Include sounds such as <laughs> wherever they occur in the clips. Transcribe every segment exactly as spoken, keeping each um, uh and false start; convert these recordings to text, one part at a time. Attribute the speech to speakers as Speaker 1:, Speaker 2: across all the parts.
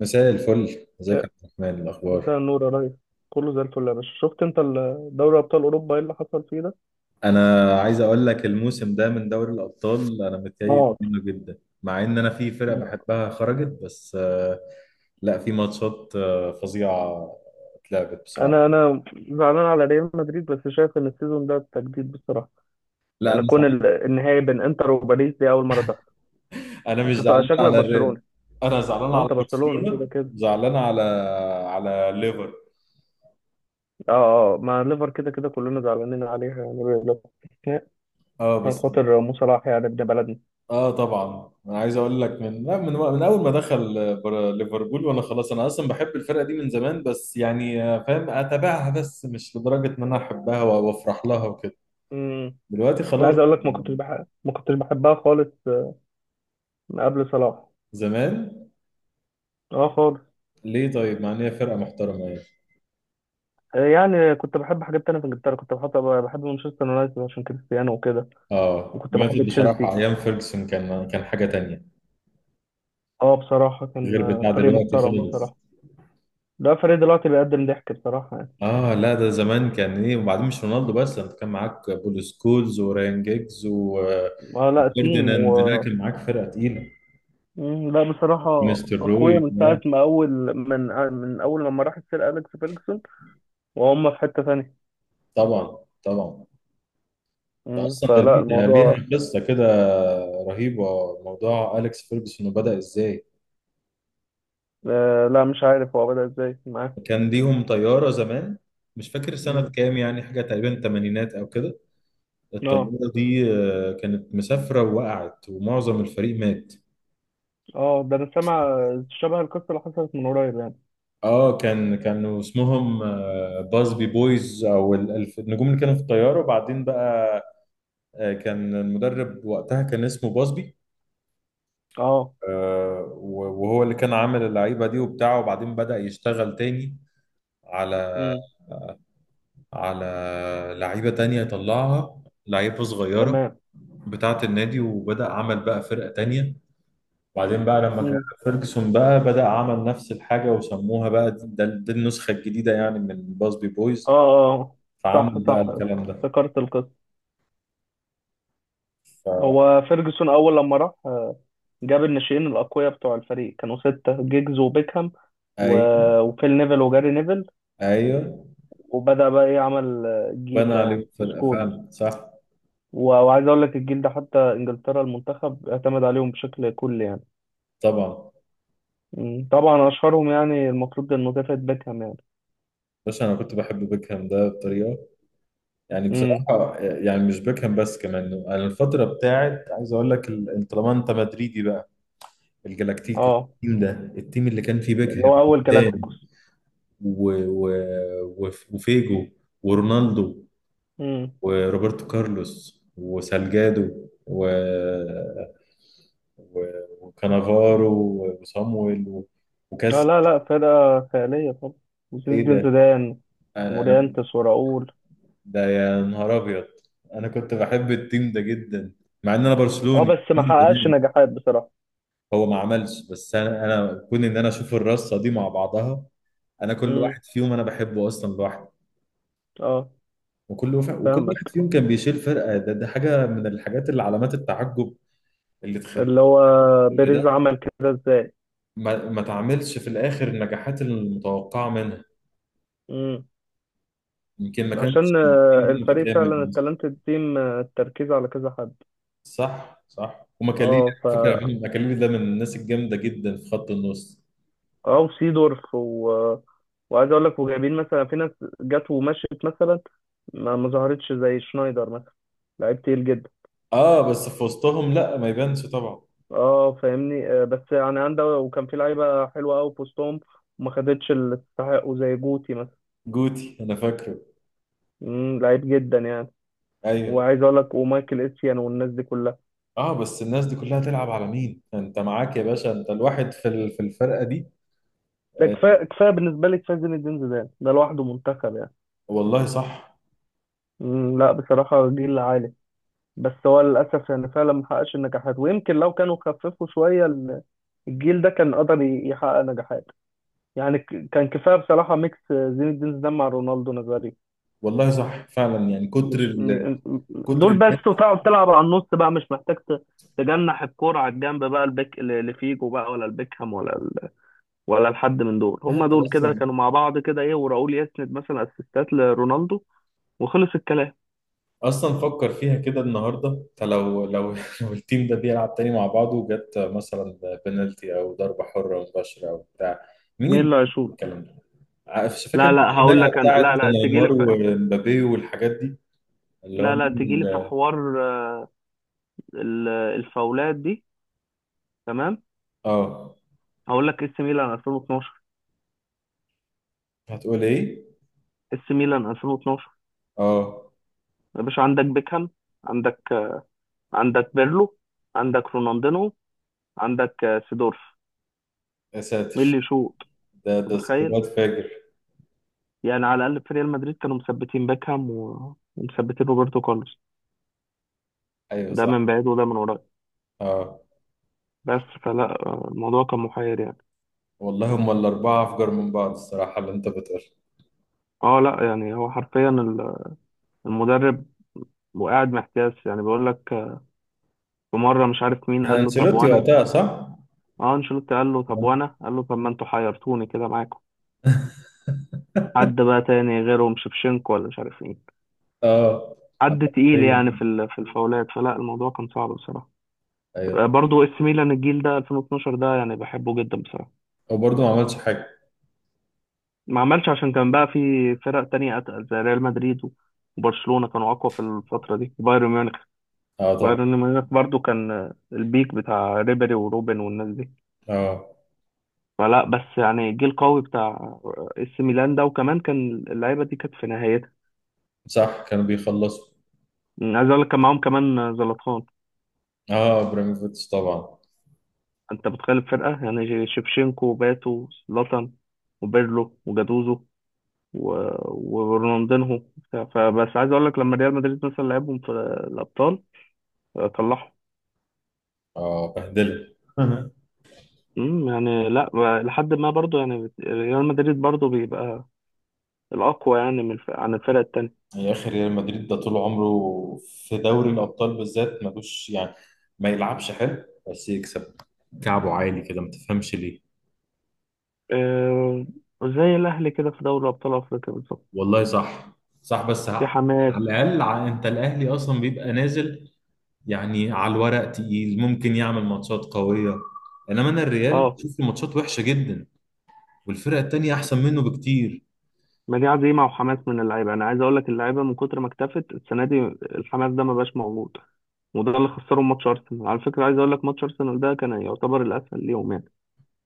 Speaker 1: مساء الفل، ازيك يا
Speaker 2: يا
Speaker 1: عبد الرحمن؟ إيه الاخبار؟
Speaker 2: مساء النور يا ريس. كله زي الفل يا باشا، شفت انت ال- دوري ابطال اوروبا ايه اللي حصل فيه ده؟
Speaker 1: انا عايز اقول لك، الموسم ده من دوري الابطال انا متكيف
Speaker 2: اه،
Speaker 1: منه جدا مع ان انا في فرق بحبها خرجت بس آه، لا، في ماتشات آه، فظيعه اتلعبت بصراحه.
Speaker 2: انا انا زعلان على ريال مدريد، بس شايف ان السيزون ده تجديد بصراحه.
Speaker 1: لا
Speaker 2: يعني
Speaker 1: انا
Speaker 2: كون
Speaker 1: زعلان،
Speaker 2: ال- النهائي بين انتر وباريس دي اول مره تحصل.
Speaker 1: انا مش
Speaker 2: انت
Speaker 1: زعلان
Speaker 2: شكلك
Speaker 1: على الريال،
Speaker 2: برشلوني.
Speaker 1: انا زعلان
Speaker 2: ما
Speaker 1: على
Speaker 2: انت برشلوني كده
Speaker 1: برشلونه،
Speaker 2: كده.
Speaker 1: زعلان على على ليفر.
Speaker 2: اه، اه، مع ليفر كده كده كلنا زعلانين عليها يعني، ليفر.
Speaker 1: اه
Speaker 2: عشان
Speaker 1: بس.
Speaker 2: خاطر مو صلاح يعني ابن بلدنا.
Speaker 1: اه طبعا، انا عايز اقول لك من لا، من من اول ما دخل آه، بر- ليفربول، وانا خلاص انا اصلا بحب الفرقه دي من زمان بس يعني آه، فاهم، اتابعها بس مش لدرجه ان انا احبها و- وافرح لها وكده.
Speaker 2: امم.
Speaker 1: دلوقتي
Speaker 2: لا، عايز
Speaker 1: خلاص.
Speaker 2: اقول لك، ما كنتش بحب ما كنتش بحبها خالص من قبل صلاح.
Speaker 1: زمان.
Speaker 2: اه خالص.
Speaker 1: ليه طيب؟ مع ان هي فرقه محترمه يعني.
Speaker 2: آه، يعني كنت بحب حاجات تانية في انجلترا، كنت بحب بحب مانشستر يونايتد عشان كريستيانو وكده.
Speaker 1: اه
Speaker 2: وكنت بحب
Speaker 1: يونايتد بصراحه،
Speaker 2: تشيلسي.
Speaker 1: ايام فيرجسون كان كان حاجه تانية،
Speaker 2: اه بصراحة كان
Speaker 1: غير
Speaker 2: آه،
Speaker 1: بتاع
Speaker 2: فريق
Speaker 1: دلوقتي
Speaker 2: محترم
Speaker 1: خالص.
Speaker 2: بصراحة. لا، فريق دلوقتي بيقدم ضحك بصراحة يعني.
Speaker 1: اه لا، ده زمان كان ايه؟ وبعدين مش رونالدو بس، انت كان معاك بول سكولز وراين جيجز و آه،
Speaker 2: اه، لا، تيم و...
Speaker 1: فيرديناند. لا، كان معاك فرقه تقيله.
Speaker 2: مم، لا بصراحة.
Speaker 1: ونستر روي،
Speaker 2: أقوياء من
Speaker 1: لا.
Speaker 2: ساعة ما أول، من آه، من أول لما راح السير أليكس فيرجسون، وهم في حتة تانية.
Speaker 1: طبعا. طبعا. ده
Speaker 2: مم،
Speaker 1: اصلا، ده
Speaker 2: فلا
Speaker 1: ليه ليها
Speaker 2: الموضوع.
Speaker 1: قصه كده رهيبه، موضوع اليكس فيرجسون وبدا ازاي.
Speaker 2: آه، لا، مش عارف هو بدأ إزاي معاه.
Speaker 1: كان ليهم طياره زمان، مش فاكر سنه
Speaker 2: مم.
Speaker 1: كام يعني، حاجه تقريبا تمانينات او كده.
Speaker 2: اه،
Speaker 1: الطياره دي آه، كانت مسافره، ووقعت ومعظم الفريق مات.
Speaker 2: اه، ده أنا سامع شبه القصة اللي حصلت من قريب يعني.
Speaker 1: اه، كان كانوا اسمهم آه، بازبي بويز، او ال- الف- النجوم اللي كانوا في الطياره. وبعدين بقى، آه، كان المدرب وقتها كان اسمه بازبي.
Speaker 2: اه.
Speaker 1: آه، وهو اللي كان عامل اللعيبة دي وبتاعه، وبعدين بدأ يشتغل تاني على
Speaker 2: مم.
Speaker 1: على لعيبة تانية، يطلعها لعيبة صغيرة
Speaker 2: تمام.
Speaker 1: بتاعة النادي، وبدأ عمل بقى فرقة تانية. وبعدين بقى لما جه
Speaker 2: مم.
Speaker 1: فيرجسون بقى، بدأ عمل نفس الحاجة وسموها بقى دي, ده- دي النسخة الجديدة يعني من باسبي
Speaker 2: اه،
Speaker 1: بويز.
Speaker 2: اه، آه. صح،
Speaker 1: فعمل بقى
Speaker 2: صح،
Speaker 1: الكلام ده.
Speaker 2: افتكرت القصة. هو فيرجسون أول لما راح، آه، جاب الناشئين الأقوياء بتوع الفريق. كانوا ستة: جيجز وبيكهام و...
Speaker 1: فأي.
Speaker 2: وفيل نيفل وجاري نيفل.
Speaker 1: أيوه،
Speaker 2: وبدأ بقى إيه، عمل آه، الجيل
Speaker 1: بنى
Speaker 2: ده يعني
Speaker 1: عليه فرقة
Speaker 2: وسكولز.
Speaker 1: فعلا، صح.
Speaker 2: و... وعايز أقول لك الجيل ده حتى إنجلترا المنتخب اعتمد عليهم بشكل كلي يعني.
Speaker 1: طبعا.
Speaker 2: مم. طبعا أشهرهم يعني المفروض إنه ديفيد بيكهام يعني.
Speaker 1: بس أنا كنت بحب بيكهام ده بطريقة يعني،
Speaker 2: مم.
Speaker 1: بصراحة يعني مش بيكهام بس، كمان أنا الفترة بتاعت، عايز أقول لك، ال- طالما أنت مدريدي بقى، الجلاكتيكوس،
Speaker 2: اه،
Speaker 1: التيم ده، التيم اللي كان فيه
Speaker 2: اللي
Speaker 1: بيكهام
Speaker 2: هو أول
Speaker 1: قدام،
Speaker 2: جالاكتيكوس.
Speaker 1: و... و... وف- وفيجو ورونالدو وروبرتو كارلوس وسالجادو و... و... وكانافارو وصامويل و...
Speaker 2: لا،
Speaker 1: وكاس.
Speaker 2: لا، لا، فرقة خيالية طبعا. وزين
Speaker 1: إيه
Speaker 2: الدين
Speaker 1: ده؟
Speaker 2: زيدان
Speaker 1: أنا أنا
Speaker 2: ومورينتس وراؤول.
Speaker 1: ده، يا نهار أبيض! أنا كنت بحب التيم ده جدا، مع إن أنا
Speaker 2: اه،
Speaker 1: برشلوني
Speaker 2: بس ما
Speaker 1: من
Speaker 2: حققش
Speaker 1: زمان.
Speaker 2: نجاحات بصراحة.
Speaker 1: هو ما عملش، بس انا انا كون ان انا اشوف الرصه دي مع بعضها، انا كل
Speaker 2: امم.
Speaker 1: واحد فيهم انا بحبه اصلا لوحده.
Speaker 2: اه.
Speaker 1: وكل وف... وكل واحد
Speaker 2: فاهمك.
Speaker 1: فيهم كان بيشيل فرقه. ده, ده حاجه من الحاجات، اللي علامات التعجب، اللي تخلي
Speaker 2: اللي هو
Speaker 1: كل
Speaker 2: بيريز
Speaker 1: ده
Speaker 2: عمل كده ازاي؟
Speaker 1: ما, ما تعملش في الاخر النجاحات المتوقعه منها.
Speaker 2: امم.
Speaker 1: يمكن ما كانش
Speaker 2: عشان آه،
Speaker 1: التيم ده
Speaker 2: الفريق فعلا
Speaker 1: متكامل مثلاً.
Speaker 2: التالنتد تيم، آه، التركيز على كذا حد.
Speaker 1: صح، صح. ومكاليلي،
Speaker 2: اه، ف...
Speaker 1: على فكره، مين- مكاليلي ده من الناس الجامده جدا في خط النص.
Speaker 2: اه، وسيدورف. و... وعايز اقول لك وجايبين مثلا في ناس جت ومشيت مثلا، ما ما ظهرتش زي شنايدر مثلا. لعيب تقيل جدا.
Speaker 1: اه بس في وسطهم لا، ما يبانش طبعا.
Speaker 2: اه فاهمني، آه، بس يعني عنده، وكان في لعيبه حلوه قوي في وسطهم، وما خدتش اللي تستحقه زي جوتي مثلا.
Speaker 1: جوتي انا فاكره.
Speaker 2: مم، لعيب جدا يعني.
Speaker 1: ايوه.
Speaker 2: وعايز اقول لك ومايكل اسيان والناس دي كلها.
Speaker 1: اه بس الناس دي كلها تلعب على، مين انت معاك يا باشا، انت الواحد في ال- في الفرقه دي؟
Speaker 2: ده
Speaker 1: آه،
Speaker 2: كفايه، كفايه بالنسبه لي، كفايه زين الدين زيدان ده لوحده منتخب يعني.
Speaker 1: والله صح.
Speaker 2: مم، لا بصراحه جيل عالي. بس هو للاسف يعني فعلا ما حققش النجاحات. ويمكن لو كانوا خففوا شويه ال- الجيل ده كان قدر ي- يحقق نجاحات. يعني ك- كان كفايه بصراحه ميكس زين الدين زيدان مع رونالدو نظري.
Speaker 1: والله صح فعلا يعني، كتر
Speaker 2: مش
Speaker 1: ال...
Speaker 2: م- م-
Speaker 1: كتر
Speaker 2: دول
Speaker 1: الجد.
Speaker 2: بس، وتقعد تلعب على النص بقى مش محتاج ت- تجنح الكرة على الجنب بقى، البيك لفيجو بقى ولا البيكهام ولا ال... ولا لحد من دول. هم
Speaker 1: انت
Speaker 2: دول كده
Speaker 1: اصلا
Speaker 2: كانوا مع بعض كده، ايه، وراؤول يسند مثلا اسيستات لرونالدو وخلص الكلام.
Speaker 1: اصلا فكر فيها كده النهارده، انت لو لو <laughs> لو التيم ده بيلعب تاني مع بعضه، جت مثلا بنالتي او ضربه حره مباشره او بتاع، مين
Speaker 2: مين
Speaker 1: اللي
Speaker 2: اللي
Speaker 1: بيعمل
Speaker 2: هيشوط؟
Speaker 1: الكلام ده؟ عارف- فاكر
Speaker 2: لا،
Speaker 1: أنت
Speaker 2: لا، هقول
Speaker 1: الخناقه
Speaker 2: لك انا، لا،
Speaker 1: بتاعت
Speaker 2: لا تجي لي
Speaker 1: نيمار
Speaker 2: في...
Speaker 1: ومبابي والحاجات دي، اللي هو
Speaker 2: لا، لا
Speaker 1: مين؟
Speaker 2: تجي لي في
Speaker 1: ال-
Speaker 2: حوار. آه، ال- الفاولات دي. تمام.
Speaker 1: اه
Speaker 2: هقول لك اس ميلان ألفين واتناشر،
Speaker 1: هتقول ايه؟
Speaker 2: اس ميلان ألفين واتناشر.
Speaker 1: اه،
Speaker 2: يا باشا، عندك بيكهام، عندك آه، عندك بيرلو، عندك رونالدينو، عندك آه، سيدورف.
Speaker 1: يا
Speaker 2: مين اللي
Speaker 1: ساتر!
Speaker 2: يشوط؟
Speaker 1: ده
Speaker 2: أنت
Speaker 1: ده
Speaker 2: متخيل؟
Speaker 1: سكواد فاجر!
Speaker 2: يعني على الأقل في ريال مدريد كانوا مثبتين باكهام و- ومثبتين روبرتو كارلوس،
Speaker 1: ايوه
Speaker 2: ده
Speaker 1: صح.
Speaker 2: من بعيد وده من قريب.
Speaker 1: اه
Speaker 2: بس فلا آه، الموضوع كان محير يعني.
Speaker 1: والله، هم الاربعه افجر من بعض الصراحه اللي انت بتقول.
Speaker 2: اه، لا يعني هو حرفيا ال- المدرب، وقاعد محتاس يعني بيقول لك آه، في مرة مش عارف مين
Speaker 1: كان
Speaker 2: قال له: طب
Speaker 1: انشيلوتي
Speaker 2: وانا؟
Speaker 1: وقتها، صح؟
Speaker 2: اه، انشيلوتي قال له: طب وانا؟ قال له: طب ما انتوا حيرتوني كده معاكم. حد بقى تاني غيرهم، شفشنكو ولا مش عارف مين،
Speaker 1: اه،
Speaker 2: حد تقيل
Speaker 1: حرفياً.
Speaker 2: يعني في ال- في الفاولات. فلا الموضوع كان صعب بصراحة.
Speaker 1: ايوه.
Speaker 2: برضو اس ميلان الجيل ده ألفين واثني عشر ده يعني بحبه جدا بصراحة.
Speaker 1: وبرضه ما عملش حاجه.
Speaker 2: ما عملش عشان كان بقى في فرق تانية أتقل زي ريال مدريد، وبرشلونة كانوا أقوى في الفترة دي، وبايرن ميونخ.
Speaker 1: اه طبعا.
Speaker 2: بايرن ميونخ برضو كان البيك بتاع ريبيري وروبن والناس دي.
Speaker 1: اه
Speaker 2: فلا، بس يعني جيل قوي بتاع اس ميلان ده. وكمان كان اللعيبة دي كانت في نهايتها.
Speaker 1: صح، كانوا بيخلصوا.
Speaker 2: أمم، عايز أقول لك كان معاهم كمان زلاتان.
Speaker 1: اه ابراهيموفيتش طبعا.
Speaker 2: أنت بتخيل الفرقة يعني، جي- شيفشينكو وباتو زلاتان وبيرلو وجاتوزو و- ورونالدينهو بتاع. فبس عايز اقول لك لما ريال مدريد مثلا لعبهم في الابطال، آه، طلعهم.
Speaker 1: اه بهدله. <laughs>
Speaker 2: امم، يعني لا، ما- لحد ما برضو يعني، بت- ريال مدريد برضو بيبقى الاقوى يعني، من الف- عن الفرق التانية.
Speaker 1: يا اخي، ريال مدريد ده طول عمره في دوري الابطال بالذات ملوش يعني، ما يلعبش حلو بس يكسب. كعبه عالي كده، ما تفهمش ليه.
Speaker 2: آه، زي الاهلي كده في دوري ابطال افريقيا بالظبط.
Speaker 1: والله صح. صح بس
Speaker 2: في
Speaker 1: ع-
Speaker 2: حماس.
Speaker 1: على الاقل، ع- انت الاهلي اصلا بيبقى نازل، يعني على الورق تقيل، ممكن يعمل ماتشات قويه. انما انا الريال
Speaker 2: اه،
Speaker 1: بشوف الماتشات وحشه جدا، والفرقه التانيه احسن منه بكتير.
Speaker 2: ما دي عزيمه وحماس من اللعيبه. انا عايز اقول لك، اللعيبه من كتر ما اكتفت السنه دي، الحماس ده ما بقاش موجود. وده اللي خسرهم ماتش ارسنال. على فكره، عايز اقول لك ماتش ارسنال ده كان يعتبر الاسهل ليهم يعني،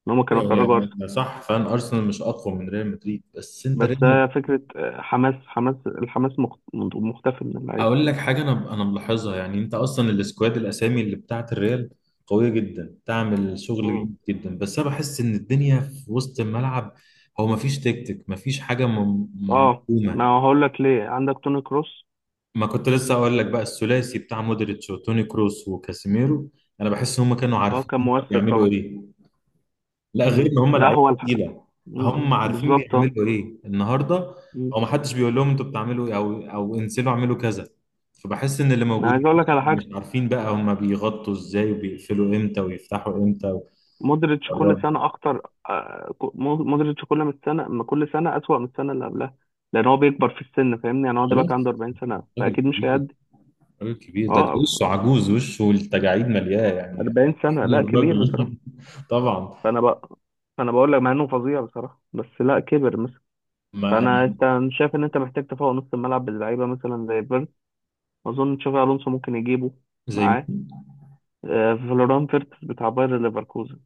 Speaker 2: ان هم كانوا
Speaker 1: ايوه
Speaker 2: خرجوا.
Speaker 1: يا- صح فعلا، ارسنال مش اقوى من ريال مدريد، بس انت
Speaker 2: بس
Speaker 1: ريال مدريد.
Speaker 2: هي فكرة، آه، حماس، حماس، الحماس مخ- مختفي من اللعيبة.
Speaker 1: هقول لك حاجه انا انا ملاحظها، يعني انت اصلا السكواد، الاسامي اللي بتاعت الريال قويه جدا، تعمل شغل
Speaker 2: مم.
Speaker 1: جامد جدا، بس انا بحس ان الدنيا في وسط الملعب، هو مفيش تكتيك، مفيش حاجه م-
Speaker 2: اه، ما
Speaker 1: مرسومه.
Speaker 2: هقول لك ليه، عندك توني كروس.
Speaker 1: ما كنت لسه اقول لك بقى، الثلاثي بتاع مودريتش وتوني كروس وكاسيميرو، انا بحس هم كانوا
Speaker 2: اه
Speaker 1: عارفين
Speaker 2: كان مؤثر
Speaker 1: بيعملوا
Speaker 2: طبعا.
Speaker 1: ايه، لا غير ان
Speaker 2: مم.
Speaker 1: هم
Speaker 2: لا
Speaker 1: لعيبه
Speaker 2: هو الح...
Speaker 1: تقيله.
Speaker 2: مم.
Speaker 1: هم عارفين
Speaker 2: بالظبط، اه.
Speaker 1: بيعملوا ايه النهارده،
Speaker 2: مم.
Speaker 1: هو ما حدش بيقول لهم انتوا بتعملوا ايه، او او انزلوا اعملوا كذا. فبحس ان اللي
Speaker 2: انا عايز
Speaker 1: موجودين
Speaker 2: اقول لك على حاجة،
Speaker 1: مش عارفين بقى هم بيغطوا ازاي، وبيقفلوا امتى ويفتحوا امتى
Speaker 2: مودريتش كل
Speaker 1: ويقربوا.
Speaker 2: سنة اكتر. آه، ك- مو- مودريتش، كل ما السنة ما كل سنة اسوأ من السنة اللي قبلها، لان هو بيكبر في السن فاهمني يعني. هو
Speaker 1: خلاص.
Speaker 2: دلوقتي عنده أربعين سنة
Speaker 1: راجل
Speaker 2: فاكيد مش
Speaker 1: كبير،
Speaker 2: هيأدي.
Speaker 1: راجل كبير. ده ده
Speaker 2: اه،
Speaker 1: وشه عجوز، وشه التجاعيد ملياه يعني.
Speaker 2: أربعين سنة
Speaker 1: <laughs>
Speaker 2: لا كبير بصراحة.
Speaker 1: الراجل. <laughs> طبعا.
Speaker 2: فانا بقى فانا بقول لك، مع انه فظيع بصراحة، بس لا كبر.
Speaker 1: ما
Speaker 2: فانا،
Speaker 1: يعني.
Speaker 2: انت شايف ان انت محتاج تفوق نص الملعب باللعيبه، مثلا زي فيرت، اظن تشافي الونسو ممكن يجيبه
Speaker 1: زي مين؟
Speaker 2: معاه، آه، فلوران فيرتس بتاع باير ليفركوزن،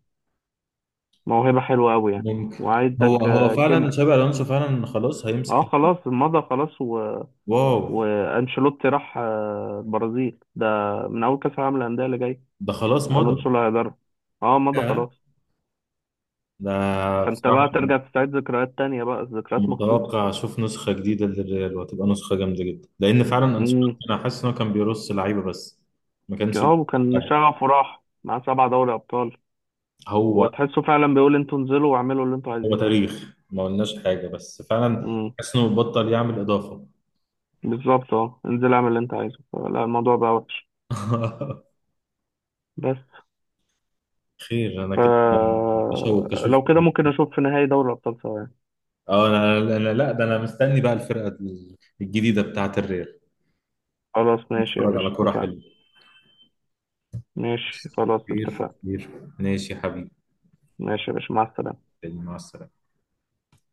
Speaker 2: موهبه حلوه قوي يعني.
Speaker 1: ممكن. هو
Speaker 2: وعندك
Speaker 1: هو
Speaker 2: آه، كيم.
Speaker 1: فعلا، شابي الونسو فعلا خلاص هيمسك
Speaker 2: اه،
Speaker 1: ال-
Speaker 2: خلاص مضى خلاص، و...
Speaker 1: واو.
Speaker 2: وانشيلوتي راح آه، البرازيل ده من اول كاس العالم للانديه اللي جاي.
Speaker 1: ده خلاص مضى.
Speaker 2: الونسو اللي هيدرب. اه مضى
Speaker 1: آه.
Speaker 2: خلاص.
Speaker 1: ده
Speaker 2: فانت
Speaker 1: بصراحه،
Speaker 2: بقى ترجع تستعيد ذكريات تانية بقى، ذكريات مخصوص.
Speaker 1: متوقع اشوف نسخه جديده للريال، وهتبقى نسخه جامده جدا، لان فعلا انشيلوتي
Speaker 2: امم.
Speaker 1: انا حاسس ان هو كان بيرص لعيبه بس، ما كانش
Speaker 2: اه،
Speaker 1: بيعمل
Speaker 2: وكان
Speaker 1: حاجه.
Speaker 2: شغفه راح مع سبع دوري ابطال.
Speaker 1: هو
Speaker 2: وتحسه فعلا بيقول: انتوا انزلوا واعملوا اللي انتوا
Speaker 1: هو
Speaker 2: عايزينه.
Speaker 1: تاريخ، ما قلناش حاجه بس فعلا
Speaker 2: امم.
Speaker 1: حاسس انه بطل يعمل اضافه.
Speaker 2: بالظبط، اه، انزل اعمل اللي انت عايزه. فلا الموضوع بقى وحش.
Speaker 1: <laughs>
Speaker 2: بس
Speaker 1: خير. انا
Speaker 2: ف...
Speaker 1: كده مشوق اشوف.
Speaker 2: لو كده ممكن اشوف في نهائي دوري الابطال سوا يعني.
Speaker 1: اه، انا انا لا، ده انا مستني بقى الفرقه الجديده بتاعه الريال.
Speaker 2: خلاص ماشي يا
Speaker 1: نتفرج
Speaker 2: باشا،
Speaker 1: على كورة
Speaker 2: اتفقنا.
Speaker 1: حلوة.
Speaker 2: ماشي
Speaker 1: بس.
Speaker 2: خلاص،
Speaker 1: كتير
Speaker 2: اتفقنا.
Speaker 1: كتير. ماشي يا حبيبي،
Speaker 2: ماشي يا باشا، مع السلامة.
Speaker 1: مع السلامة.